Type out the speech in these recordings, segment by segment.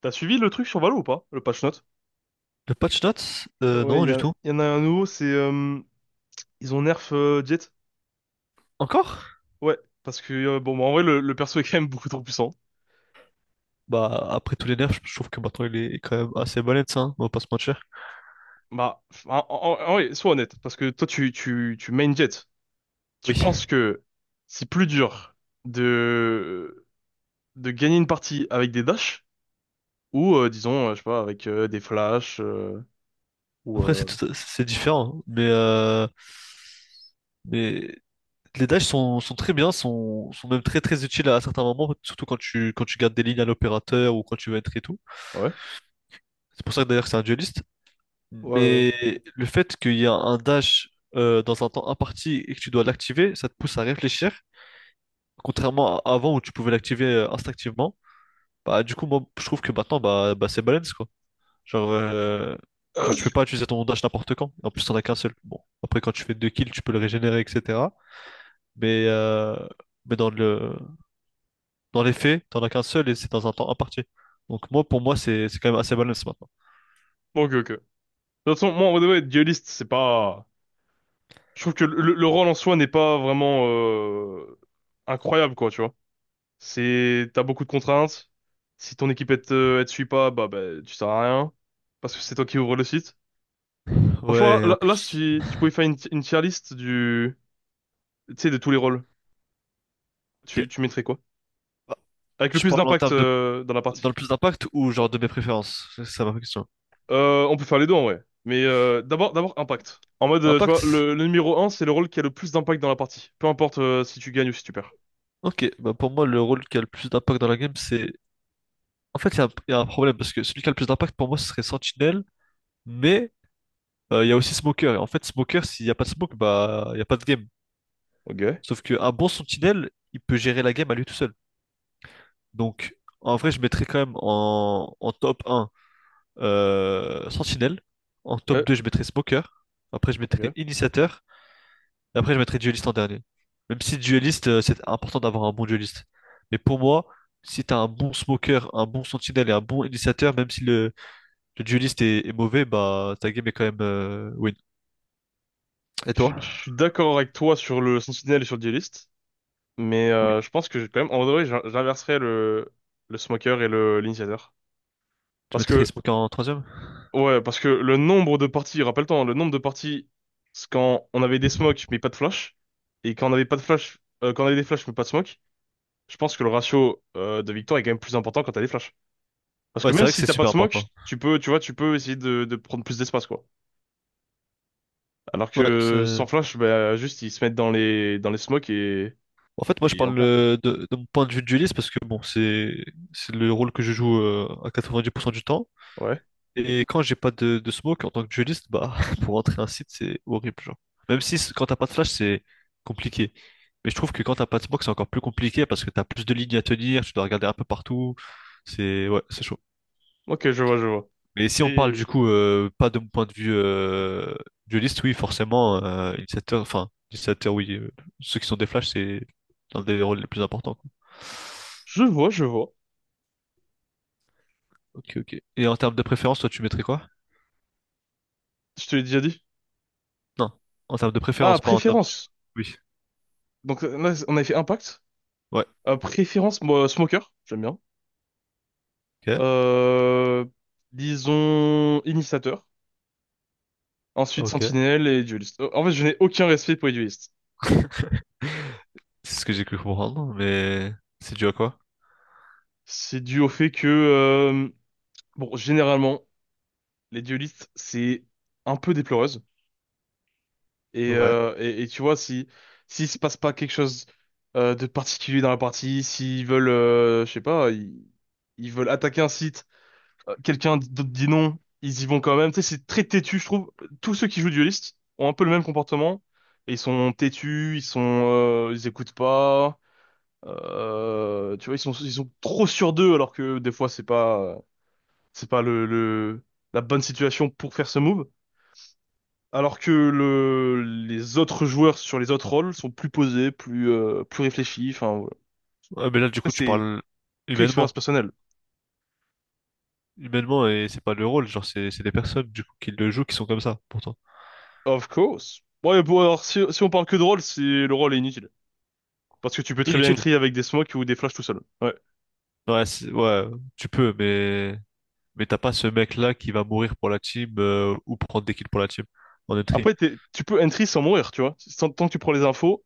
T'as suivi le truc sur Valo ou pas? Le patch note? Le patch notes? Ouais, il Non, y, du a- tout. y en a un nouveau, c'est ils ont nerf Jet. Encore? Ouais, parce que bon, bah, en vrai, le perso est quand même beaucoup trop puissant. Bah, après tous les nerfs, je trouve que maintenant il est quand même assez balèze, hein, on va pas se mentir. Bah, en vrai, sois honnête, parce que toi, tu main Jet. Tu Oui. penses que c'est plus dur de, de gagner une partie avec des dashs ou, disons, je sais pas, avec des flashs ou. Après, c'est différent, mais les dashs, sont très bien, sont même très très utiles à certains moments, surtout quand tu gardes des lignes à l'opérateur ou quand tu veux être et tout. Ouais, C'est pour ça que d'ailleurs que c'est un dueliste. ouais. Ouais. Mais le fait qu'il y a un dash dans un temps imparti et que tu dois l'activer, ça te pousse à réfléchir, contrairement à avant où tu pouvais l'activer instinctivement. Bah, du coup, moi, je trouve que maintenant, bah c'est balance, quoi. Genre, euh, genre, tu peux pas utiliser ton dash n'importe quand. En plus, t'en as qu'un seul. Bon, après, quand tu fais deux kills, tu peux le régénérer, etc. Mais, euh, mais dans dans les faits, t'en as qu'un seul et c'est dans un temps imparti. Donc, moi, pour moi, c'est quand même assez balance maintenant. Ok, ok. De toute façon, moi, en vrai, de vrai, dueliste, c'est pas. Je trouve que le rôle en soi n'est pas vraiment incroyable, quoi, tu vois. C'est, t'as beaucoup de contraintes. Si ton équipe elle te suit pas, bah tu sers à rien. Parce que c'est toi qui ouvre le site. Franchement, Ouais, et en là, si plus. Si tu pouvais faire une tier list tu sais, de tous les rôles, Ok. Tu mettrais quoi? Bah, Avec le je plus parle en d'impact dans la dans partie. le plus d'impact ou genre de mes préférences? C'est ça ma question. On peut faire les deux en vrai. Mais d'abord, d'abord impact. En mode, tu vois, Impact? Le numéro un, c'est le rôle qui a le plus d'impact dans la partie. Peu importe si tu gagnes ou si tu perds. Ok, bah pour moi, le rôle qui a le plus d'impact dans la game, c'est. En fait, il y a un problème parce que celui qui a le plus d'impact pour moi, ce serait Sentinel. Mais il y a aussi Smoker. Et en fait, Smoker, s'il n'y a pas de smoke, bah, il n'y a pas de game. Ok. Sauf qu'un bon sentinelle, il peut gérer la game à lui tout seul. Donc, en vrai, je mettrais quand même en top un, sentinelle. En top Ouais, 2 je mettrais Smoker. Après, je mettrais ok. initiateur. Et après, je mettrais dueliste en dernier. Même si dueliste, c'est important d'avoir un bon dueliste. Mais pour moi, si t'as un bon smoker, un bon sentinelle et un bon initiateur, même si le dueliste est mauvais, bah ta game est quand même win. Et Je toi? je suis d'accord avec toi sur le Sentinel et sur le Duelist, mais Oui. Je pense que j'ai quand même, en vrai, j'inverserais le Smoker et le l'Initiateur. Tu Parce mettrais que, Smoke en troisième? ouais, parce que le nombre de parties, rappelle-toi, hein, le nombre de parties, c'est quand on avait des smokes mais pas de flash, et quand on avait pas de flash, quand on avait des flashs mais pas de smoke, je pense que le ratio de victoire est quand même plus important quand t'as des flashs. Parce Ouais, que c'est même vrai que si c'est t'as pas de super smoke, important. tu peux, tu vois, tu peux essayer de prendre plus d'espace, quoi. Alors Ouais, que sans c'est. flash, bah, juste ils se mettent dans les smokes En fait, moi, je et on parle perd, quoi. De mon point de vue de dueliste parce que bon, c'est le rôle que je joue, à 90% du temps. Ouais. Et quand j'ai pas de smoke en tant que dueliste, bah pour rentrer un site, c'est horrible, genre. Même si quand t'as pas de flash, c'est compliqué. Mais je trouve que quand t'as pas de smoke, c'est encore plus compliqué parce que t'as plus de lignes à tenir, tu dois regarder un peu partout. C'est, ouais, c'est chaud. Ok, je vois, je vois. Mais si on parle Et du coup, pas de mon point de vue, dueliste, oui, oh, forcément, initiateur, enfin, initiateur, oui, ceux qui sont des flashs, c'est l'un des rôles les plus importants, quoi. je vois, je vois. Ok, ok. Et en termes de préférence, toi, tu mettrais quoi? Je te l'ai déjà dit. Non, en termes de Ah, préférence, pas en termes de. préférence. Oui, Donc là, on avait fait Impact. ouais, Préférence, moi, Smoker, j'aime bien. ok, Euh, disons Initiateur. Ensuite ok. Sentinelle et Dueliste. En fait, je n'ai aucun respect pour les duelistes. C'est ce que j'ai cru comprendre, mais c'est dû à quoi? C'est dû au fait que, bon, généralement, les duelistes, c'est un peu déploreux. Et, Ouais. Et tu vois, si s'il se passe pas quelque chose de particulier dans la partie, s'ils veulent, je sais pas, ils veulent attaquer un site, quelqu'un d'autre dit non, ils y vont quand même. Tu sais, c'est très têtu, je trouve. Tous ceux qui jouent Duelist ont un peu le même comportement. Et ils sont têtus, ils écoutent pas. Tu vois, ils sont trop sur d'eux alors que des fois c'est pas la bonne situation pour faire ce move. Alors que les autres joueurs sur les autres rôles sont plus posés, plus réfléchis. Enfin, voilà. Ouais, mais là, du Ça, coup, tu c'est parles que expérience humainement. personnelle. Humainement, et c'est pas le rôle, genre, c'est des personnes, du coup, qui le jouent, qui sont comme ça, pourtant. Of course. Ouais, bon, alors, si on parle que de rôle, c'est, le rôle est inutile. Parce que tu peux très bien Inutile. entry avec des smokes ou des flashs tout seul. Ouais. Ouais, ouais, tu peux, mais. Mais t'as pas ce mec-là qui va mourir pour la team, ou prendre des kills pour la team en entry. Après, tu peux entry sans mourir, tu vois. Sans- tant que tu prends les infos,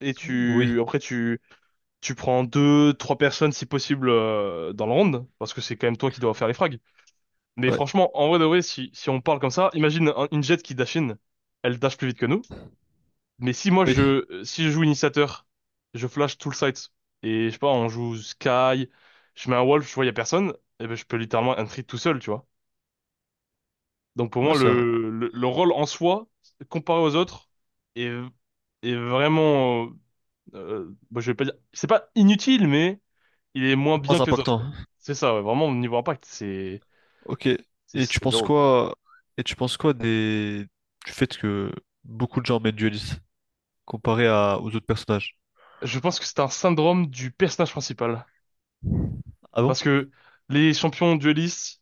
et Oui, tu prends deux, trois personnes, si possible, dans le round. Parce que c'est quand même toi qui dois faire les frags. Mais ouais, franchement, en vrai de vrai, si on parle comme ça, imagine une jet qui dash in. Elle dash plus vite que nous. Mais oui, si je joue initiateur, je flash tout le site. Et je sais pas, on joue Sky, je mets un wolf, je vois y a personne, et ben je peux littéralement entry tout seul, tu vois. Donc pour ouais, moi, c'est vrai. Le rôle en soi, comparé aux autres, est, est vraiment, bon, je vais pas dire, c'est pas inutile, mais il est moins bien Moins que les autres, impactant, quoi. hein. C'est ça, ouais, vraiment, au niveau impact, c'est, Ok. Et tu c'est penses zéro. quoi? Et tu penses quoi des du fait que beaucoup de gens mènent dueliste comparé aux autres personnages? Je pense que c'est un syndrome du personnage principal. Ah bon? Parce que les champions duellistes,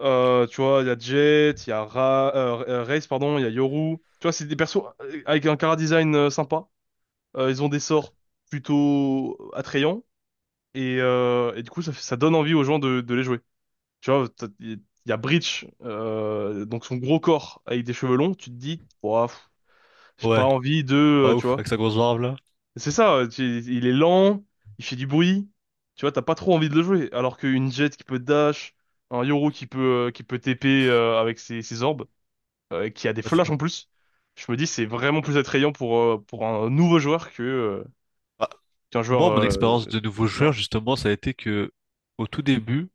Tu vois, il y a Jet, il y a Ra Raze, pardon, il y a Yoru. Tu vois, c'est des persos avec un chara design sympa. Ils ont des sorts plutôt attrayants. Et, du coup, ça donne envie aux gens de les jouer. Tu vois, il y a Breach, donc son gros corps avec des cheveux longs. Tu te dis, ouah, pff, j'ai pas Ouais, envie de, pas tu ouf vois. avec sa grosse barbe là. C'est ça, il est lent, il fait du bruit. Tu vois, t'as pas trop envie de le jouer. Alors qu'une Jet qui peut dash, un Yoru qui peut, qui peut TP avec ses, ses orbes. Qui a des Ah, flashs ça- en plus, je me dis c'est vraiment plus attrayant pour un nouveau joueur que Ah, qu'un joueur. moi, mon expérience de nouveau Non. joueur justement, ça a été que au tout début,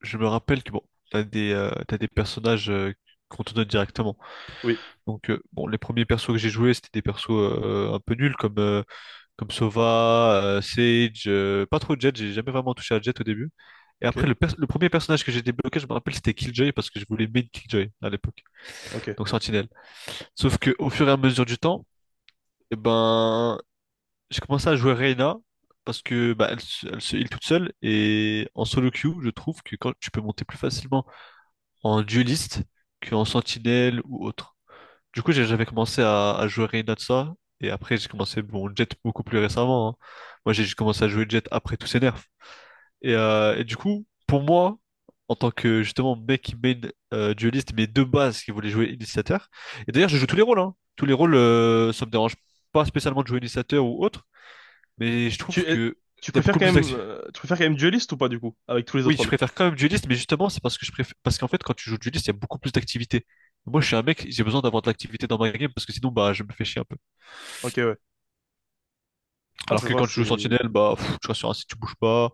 je me rappelle que bon, t'as des personnages, qu'on te donne directement. Oui. Donc bon, les premiers persos que j'ai joués, c'était des persos un peu nuls comme, comme Sova, Sage, pas trop Jet, j'ai jamais vraiment touché à Jet au début. Et Ok. après le premier personnage que j'ai débloqué, je me rappelle, c'était Killjoy parce que je voulais main Killjoy à l'époque, Ok. donc Sentinelle. Sauf que au fur et à mesure du temps, eh ben j'ai commencé à jouer Reyna parce que bah, elle se heal toute seule et en solo queue, je trouve que quand tu peux monter plus facilement en dueliste qu'en Sentinelle ou autre. Du coup, j'ai jamais commencé à jouer rien de ça. Et après, j'ai commencé, bon, Jet beaucoup plus récemment, hein. Moi, j'ai juste commencé à jouer Jet après tous ces nerfs. Et du coup, pour moi, en tant que justement mec qui main, dueliste, mais de base qui voulait jouer initiateur. Et d'ailleurs, je joue tous les rôles, hein. Tous les rôles, ça me dérange pas spécialement de jouer initiateur ou autre. Mais je trouve Tu euh, que tu il y a préfères beaucoup quand plus même d'actu. Tu préfères quand même Duelist ou pas du coup avec tous les Oui, autres je rôles? préfère quand même dueliste, mais justement, c'est parce que je préfère, parce qu'en fait, quand tu joues dueliste, il y a beaucoup plus d'activités. Moi, je suis un mec, j'ai besoin d'avoir de l'activité dans ma game parce que sinon, bah, je me fais chier un peu. Ok, ouais. Ah, Alors je que vois quand tu joues c'est. Sentinelle, bah, pff, tu restes sur un site, tu bouges pas.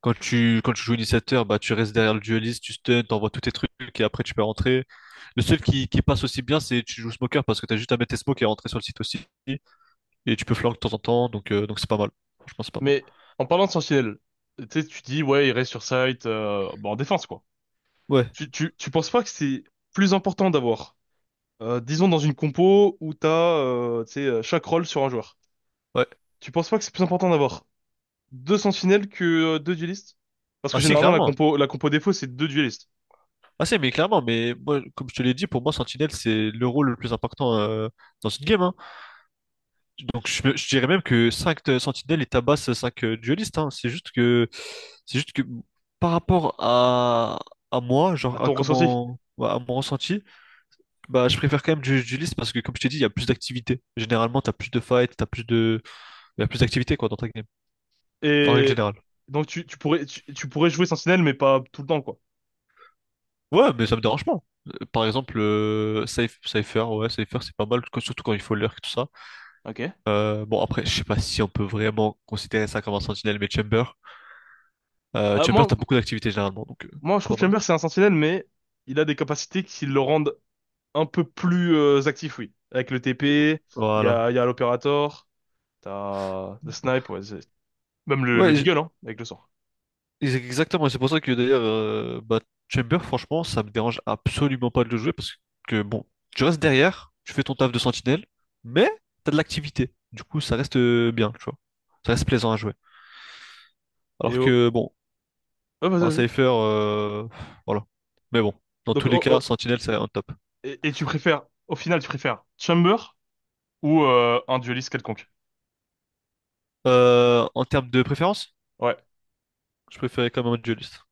Quand tu joues initiateur, bah, tu restes derrière le dueliste, tu stun, t'envoies tous tes trucs et après tu peux rentrer. Le seul qui passe aussi bien, c'est tu joues smoker parce que t'as juste à mettre tes smokes et rentrer sur le site aussi. Et tu peux flank de temps en temps, donc c'est pas mal. Franchement, c'est pas mal. Mais en parlant de Sentinelle, tu sais tu dis ouais il reste sur site, bon, en défense quoi. Ouais, Tu penses pas que c'est plus important d'avoir disons dans une compo où t'as tu sais chaque rôle sur un joueur. ouais. Tu penses pas que c'est plus important d'avoir deux sentinelles que deux duellistes. Parce que Ah si, généralement, clairement. La compo défaut, c'est deux duellistes, Ah si, mais clairement, mais moi, comme je te l'ai dit, pour moi, Sentinelle, c'est le rôle le plus important, dans une game, hein. Donc je dirais même que 5 sentinelles et tabassent 5 duelistes, hein. C'est juste que par rapport à moi, à genre à ton ressenti. comment, ouais, à mon ressenti, bah je préfère quand même du dueliste parce que comme je t'ai dit, il y a plus d'activité. Généralement, t'as plus de fight, t'as plus de il y a plus d'activité quoi dans ta game en règle Et générale. donc, tu pourrais, tu pourrais jouer sentinelle, mais pas tout le temps, quoi. Ouais, mais ça me dérange pas. Par exemple, Cypher, ouais, Cypher c'est pas mal, quoi, surtout quand il faut lurk, tout ça. Ok. Bon, après, je sais pas si on peut vraiment considérer ça comme un sentinelle, mais Chamber. Euh, Chamber, moi, t'as beaucoup d'activités généralement, donc moi, je c'est trouve pas que mal. Chamber, c'est un sentinelle, mais il a des capacités qui le rendent un peu plus actif, oui. Avec le Et- TP, Voilà. Il y a l'Opérator, t'as le Snipe, ouais, c'est- même le Ouais, Deagle, hein, avec le sort. Exactement. Et c'est pour ça que d'ailleurs, bah, Chamber, franchement, ça me dérange absolument pas de le jouer parce que bon, tu restes derrière, tu fais ton taf de sentinelle, mais t'as de l'activité. Du coup, ça reste, bien, tu vois. Ça reste plaisant à jouer. Et Alors oh, que bon, oh, vas-y, un vas-y. Cypher, voilà. Mais bon, dans Donc, tous les oh, cas, oh, sentinelle, c'est un top. Et tu préfères, au final, tu préfères Chamber ou un dueliste quelconque? En termes de préférence, Ouais. je préférais quand même un dueliste.